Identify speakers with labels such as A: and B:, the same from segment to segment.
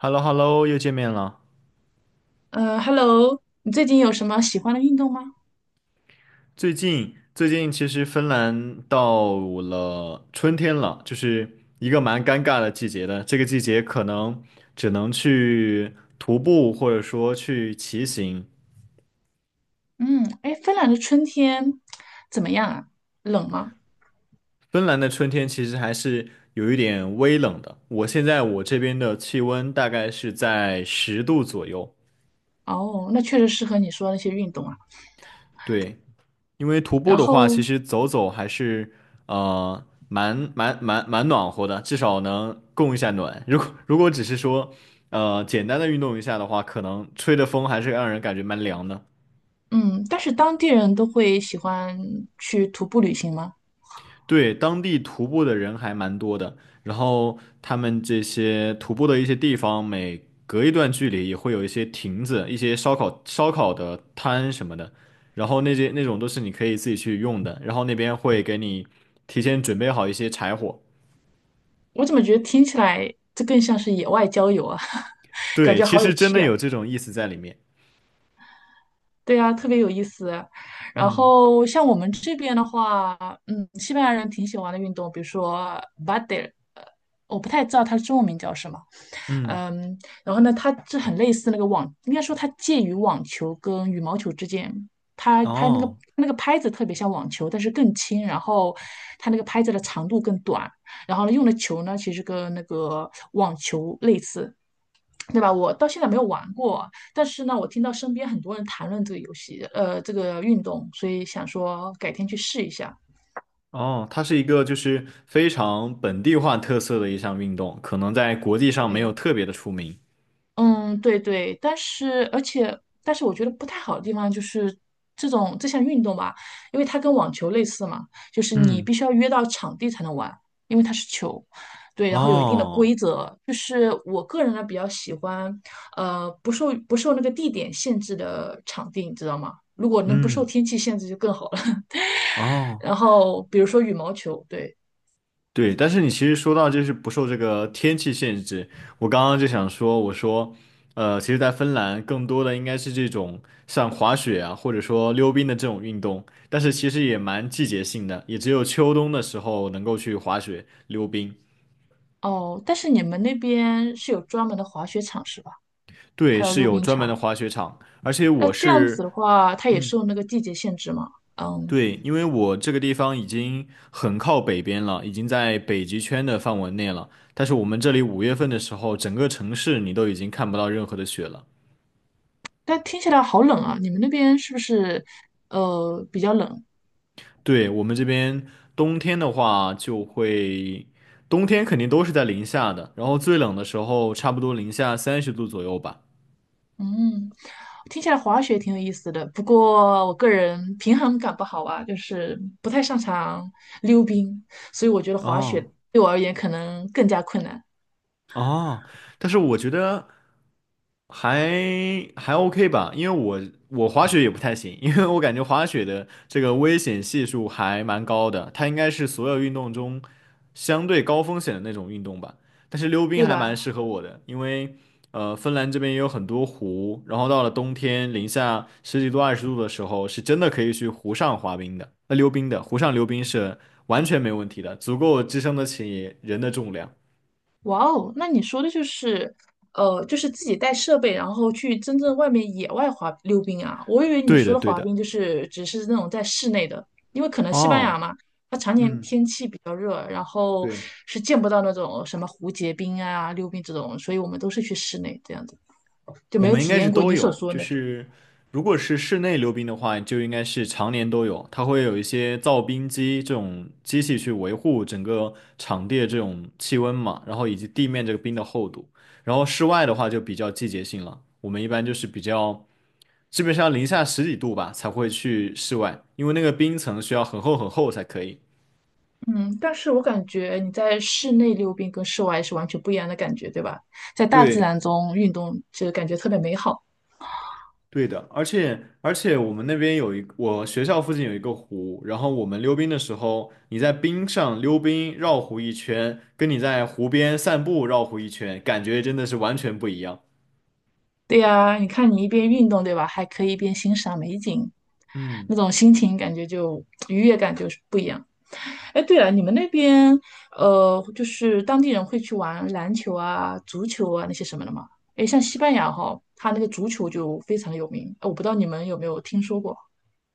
A: h e l l o h e l l o 又见面了。
B: Hello，你最近有什么喜欢的运动吗？
A: 最近，其实芬兰到了春天了，就是一个蛮尴尬的季节的。这个季节可能只能去徒步，或者说去骑行。
B: 嗯，哎，芬兰的春天怎么样啊？冷吗？
A: 芬兰的春天其实还是有一点微冷的。我现在我这边的气温大概是在十度左右。
B: 哦，那确实适合你说的那些运动啊。
A: 对，因为徒步
B: 然
A: 的话，
B: 后，
A: 其实走走还是蛮暖和的，至少能供一下暖。如果只是说简单的运动一下的话，可能吹的风还是让人感觉蛮凉的。
B: 嗯，但是当地人都会喜欢去徒步旅行吗？
A: 对，当地徒步的人还蛮多的，然后他们这些徒步的一些地方，每隔一段距离也会有一些亭子、一些烧烤的摊什么的，然后那些那种都是你可以自己去用的，然后那边会给你提前准备好一些柴火。
B: 我怎么觉得听起来这更像是野外郊游啊？感
A: 对，
B: 觉
A: 其
B: 好有
A: 实真
B: 趣
A: 的
B: 啊！
A: 有这种意思在里面。
B: 对啊，特别有意思啊。然
A: 嗯
B: 后像我们这边的话，嗯，西班牙人挺喜欢的运动，比如说 b a d e 我不太知道它的中文名叫什么。
A: 嗯，
B: 嗯，然后呢，它这很类似那个网，应该说它介于网球跟羽毛球之间。它拍那个
A: 哦
B: 那个拍子特别像网球，但是更轻，然后它那个拍子的长度更短，然后呢用的球呢其实跟那个网球类似，对吧？我到现在没有玩过，但是呢我听到身边很多人谈论这个游戏，这个运动，所以想说改天去试一下。
A: 哦，它是一个就是非常本地化特色的一项运动，可能在国际上没有
B: 对，
A: 特别的出名。
B: 嗯，对对，但是而且，但是我觉得不太好的地方就是这种这项运动吧，因为它跟网球类似嘛，就是你
A: 嗯，
B: 必须要约到场地才能玩，因为它是球，对，然后有一定的
A: 哦，
B: 规则。就是我个人呢比较喜欢，呃，不受那个地点限制的场地，你知道吗？如果能不受
A: 嗯，
B: 天气限制就更好了。
A: 哦。
B: 然后比如说羽毛球，对，
A: 对，但是你其实说到就是不受这个天气限制，我刚刚就想说，我说，其实，在芬兰更多的应该是这种像滑雪啊，或者说溜冰的这种运动，但是其实也蛮季节性的，也只有秋冬的时候能够去滑雪、溜冰。
B: 哦，但是你们那边是有专门的滑雪场是吧？
A: 对，
B: 还有
A: 是
B: 溜
A: 有
B: 冰
A: 专门的
B: 场。
A: 滑雪场，而且
B: 那
A: 我
B: 这样子的
A: 是，
B: 话，它也
A: 嗯，
B: 受那个季节限制嘛？嗯，
A: 对，因为我这个地方已经很靠北边了，已经在北极圈的范围内了，但是我们这里5月份的时候，整个城市你都已经看不到任何的雪了。
B: 但听起来好冷啊！你们那边是不是比较冷？
A: 对，我们这边冬天的话，就会冬天肯定都是在零下的，然后最冷的时候差不多零下30度左右吧。
B: 嗯，听起来滑雪挺有意思的，不过我个人平衡感不好啊，就是不太擅长溜冰，所以我觉得滑雪
A: 哦
B: 对我而言可能更加困难，
A: 哦，但是我觉得。还OK 吧，因为我滑雪也不太行，因为我感觉滑雪的这个危险系数还蛮高的，它应该是所有运动中相对高风险的那种运动吧。但是溜冰
B: 对
A: 还蛮
B: 吧？
A: 适合我的，因为芬兰这边也有很多湖，然后到了冬天零下十几度、20度的时候，是真的可以去湖上滑冰的，那溜冰的，湖上溜冰是完全没问题的，足够支撑得起人的重量。
B: 哇哦，那你说的就是，呃，就是自己带设备，然后去真正外面野外滑溜冰啊。我以为你
A: 对的，
B: 说的
A: 对
B: 滑
A: 的。
B: 冰就是只是那种在室内的，因为可能西班牙
A: 哦，
B: 嘛，它常年
A: 嗯。
B: 天气比较热，然后
A: 对，
B: 是见不到那种什么蝴蝶冰啊、溜冰这种，所以我们都是去室内这样子，就
A: 我
B: 没有
A: 们应
B: 体
A: 该是
B: 验过
A: 都
B: 你所
A: 有，
B: 说
A: 就
B: 的那种。
A: 是如果是室内溜冰的话，就应该是常年都有，它会有一些造冰机这种机器去维护整个场地的这种气温嘛，然后以及地面这个冰的厚度。然后室外的话就比较季节性了，我们一般就是比较基本上零下十几度吧才会去室外，因为那个冰层需要很厚很厚才可以。
B: 嗯，但是我感觉你在室内溜冰跟室外是完全不一样的感觉，对吧？在大自
A: 对。
B: 然中运动，就感觉特别美好。
A: 对的，而且我们那边有一，我学校附近有一个湖，然后我们溜冰的时候，你在冰上溜冰绕湖一圈，跟你在湖边散步绕湖一圈，感觉真的是完全不一样。
B: 对呀，你看你一边运动，对吧？还可以一边欣赏美景，
A: 嗯。
B: 那种心情感觉就愉悦感就是不一样。哎，对了，你们那边就是当地人会去玩篮球啊、足球啊那些什么的吗？哎，像西班牙哈，它那个足球就非常有名，我不知道你们有没有听说过。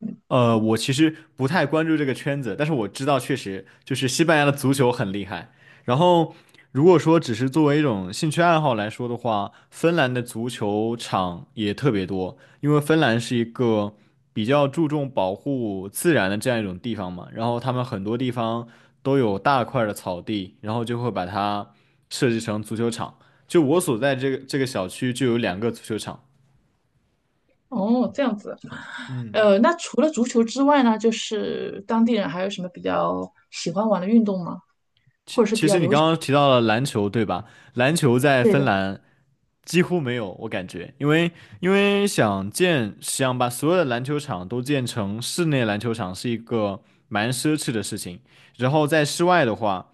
B: 嗯
A: 我其实不太关注这个圈子，但是我知道确实就是西班牙的足球很厉害。然后，如果说只是作为一种兴趣爱好来说的话，芬兰的足球场也特别多，因为芬兰是一个比较注重保护自然的这样一种地方嘛。然后他们很多地方都有大块儿的草地，然后就会把它设计成足球场。就我所在这个这个小区就有两个足球场。
B: 哦，这样子。
A: 嗯。
B: 那除了足球之外呢，就是当地人还有什么比较喜欢玩的运动吗？
A: 其其实你刚刚提到了篮球，对吧？篮球在
B: 对
A: 芬
B: 的。
A: 兰几乎没有，我感觉，因为想把所有的篮球场都建成室内篮球场是一个蛮奢侈的事情，然后在室外的话，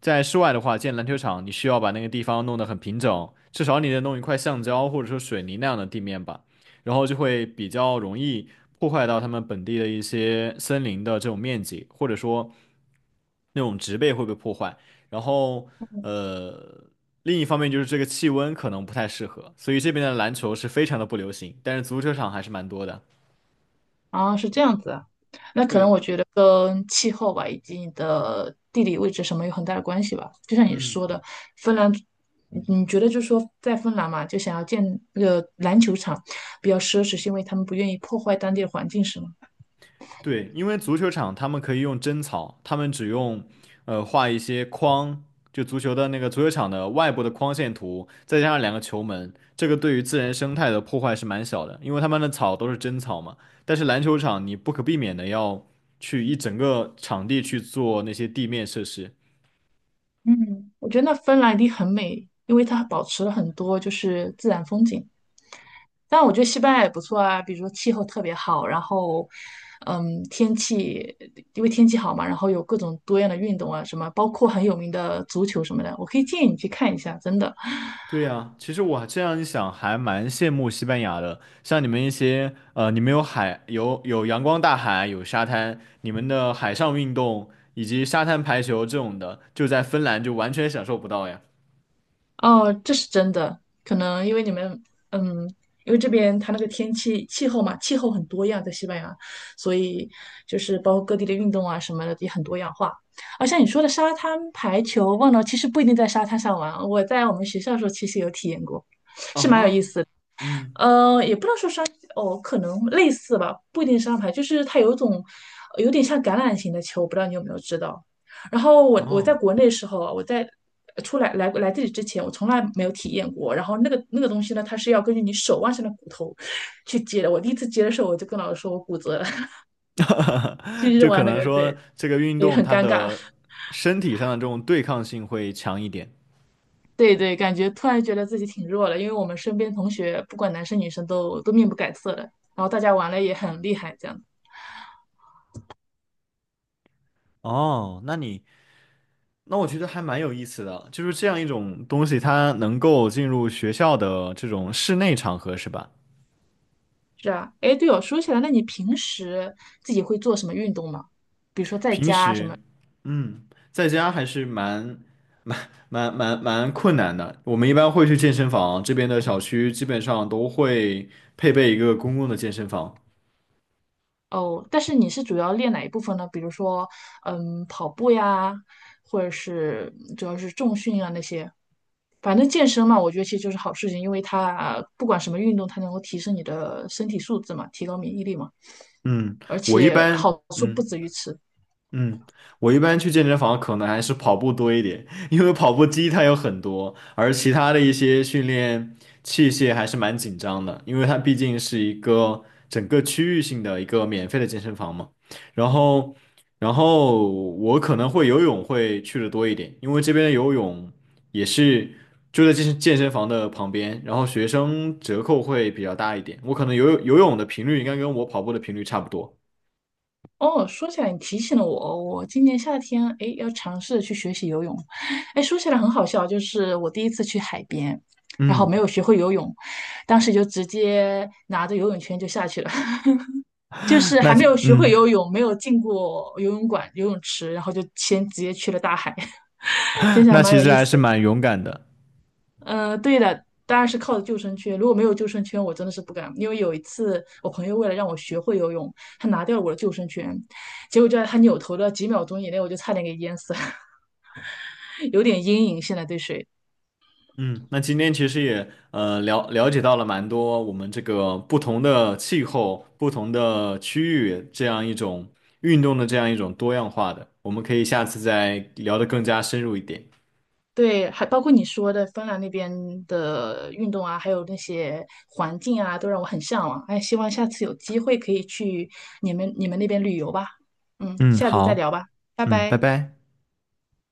A: 在室外的话，建篮球场，你需要把那个地方弄得很平整，至少你得弄一块橡胶或者说水泥那样的地面吧，然后就会比较容易破坏到他们本地的一些森林的这种面积，或者说那种植被会被破坏。然后，呃，另一方面就是这个气温可能不太适合，所以这边的篮球是非常的不流行，但是足球场还是蛮多的。
B: 啊，是这样子啊，那可能
A: 对，
B: 我觉得跟气候吧，以及你的地理位置什么有很大的关系吧。就像你
A: 嗯。
B: 说的，芬兰，你觉得就是说在芬兰嘛，就想要建那个篮球场，比较奢侈，是因为他们不愿意破坏当地的环境，是吗？
A: 对，因为足球场他们可以用真草，他们只用画一些框，就足球的那个足球场的外部的框线图，再加上两个球门，这个对于自然生态的破坏是蛮小的，因为他们的草都是真草嘛。但是篮球场你不可避免的要去一整个场地去做那些地面设施，
B: 嗯，我觉得那芬兰一定很美，因为它保持了很多就是自然风景。但我觉得西班牙也不错啊，比如说气候特别好，然后，嗯，天气因为天气好嘛，然后有各种多样的运动啊，什么包括很有名的足球什么的，我可以建议你去看一下，真的。
A: 对呀，其实我这样一想，还蛮羡慕西班牙的。像你们一些，你们有海，有阳光大海，有沙滩，你们的海上运动以及沙滩排球这种的，就在芬兰就完全享受不到呀。
B: 哦，这是真的，可能因为你们，嗯，因为这边它那个天气气候嘛，气候很多样，在西班牙，所以就是包括各地的运动啊什么的也很多样化。而像你说的沙滩排球，忘了，其实不一定在沙滩上玩，我在我们学校的时候其实有体验过。
A: 啊，嗯，
B: 嗯，也不能说商哦，可能类似吧，不一定是商牌，就是它有一种有点像橄榄型的球，不知道你有没有知道。然后我在
A: 哦，
B: 国内的时候啊，我在出来这里之前，我从来没有体验过。然后那个东西呢，它是要根据你手腕上的骨头去接的。我第一次接的时候，我就跟老师说我骨折了，就 是
A: 就可
B: 玩那
A: 能
B: 个，
A: 说
B: 对，
A: 这个运
B: 也
A: 动
B: 很
A: 它
B: 尴尬。
A: 的身体上的这种对抗性会强一点。
B: 对对，感觉突然觉得自己挺弱了，因为我们身边同学不管男生女生都面不改色的，然后大家玩的也很厉害，这样
A: 哦，那你那我觉得还蛮有意思的，就是这样一种东西，它能够进入学校的这种室内场合，是吧？
B: 是啊，哎，对哦，说起来，那你平时自己会做什么运动吗？比如说在
A: 平
B: 家什
A: 时，
B: 么？
A: 嗯，在家还是蛮困难的。我们一般会去健身房，这边的小区基本上都会配备一个公共的健身房。
B: 哦，但是你是主要练哪一部分呢？比如说，嗯，跑步呀，或者是主要是重训啊那些。反正健身嘛，我觉得其实就是好事情，因为它不管什么运动，它能够提升你的身体素质嘛，提高免疫力嘛，
A: 嗯，
B: 而
A: 我一
B: 且
A: 般，
B: 好处不
A: 嗯。
B: 止于此。
A: 嗯，我一般去健身房可能还是跑步多一点，因为跑步机它有很多，而其他的一些训练器械还是蛮紧张的，因为它毕竟是一个整个区域性的一个免费的健身房嘛。然后，然后我可能会游泳会去的多一点，因为这边的游泳也是就在健身房的旁边，然后学生折扣会比较大一点，我可能游泳的频率应该跟我跑步的频率差不多。
B: 哦，说起来你提醒了我哦我今年夏天诶要尝试去学习游泳。诶，说起来很好笑，就是我第一次去海边，然后没
A: 嗯，
B: 有学会游泳，当时就直接拿着游泳圈就下去了，就是
A: 那
B: 还没有学会
A: 嗯。
B: 游泳，没有进过游泳馆、游泳池，然后就先直接去了大海，其 实还
A: 那
B: 蛮
A: 其
B: 有
A: 实
B: 意
A: 还
B: 思
A: 是
B: 的。
A: 蛮勇敢的。
B: 嗯，对的，当然是靠着救生圈。如果没有救生圈，我真的是不敢。因为有一次，我朋友为了让我学会游泳，他拿掉了我的救生圈，结果就在他扭头的几秒钟以内，我就差点给淹死了，有点阴影。现在对水，
A: 嗯，那今天其实也了解到了蛮多我们这个不同的气候、不同的区域这样一种运动的这样一种多样化的，我们可以下次再聊得更加深入一点。
B: 对，还包括你说的芬兰那边的运动啊，还有那些环境啊，都让我很向往。哎，希望下次有机会可以去你们那边旅游吧。嗯，
A: 嗯，
B: 下次再
A: 好，
B: 聊吧，拜
A: 嗯，拜
B: 拜。
A: 拜。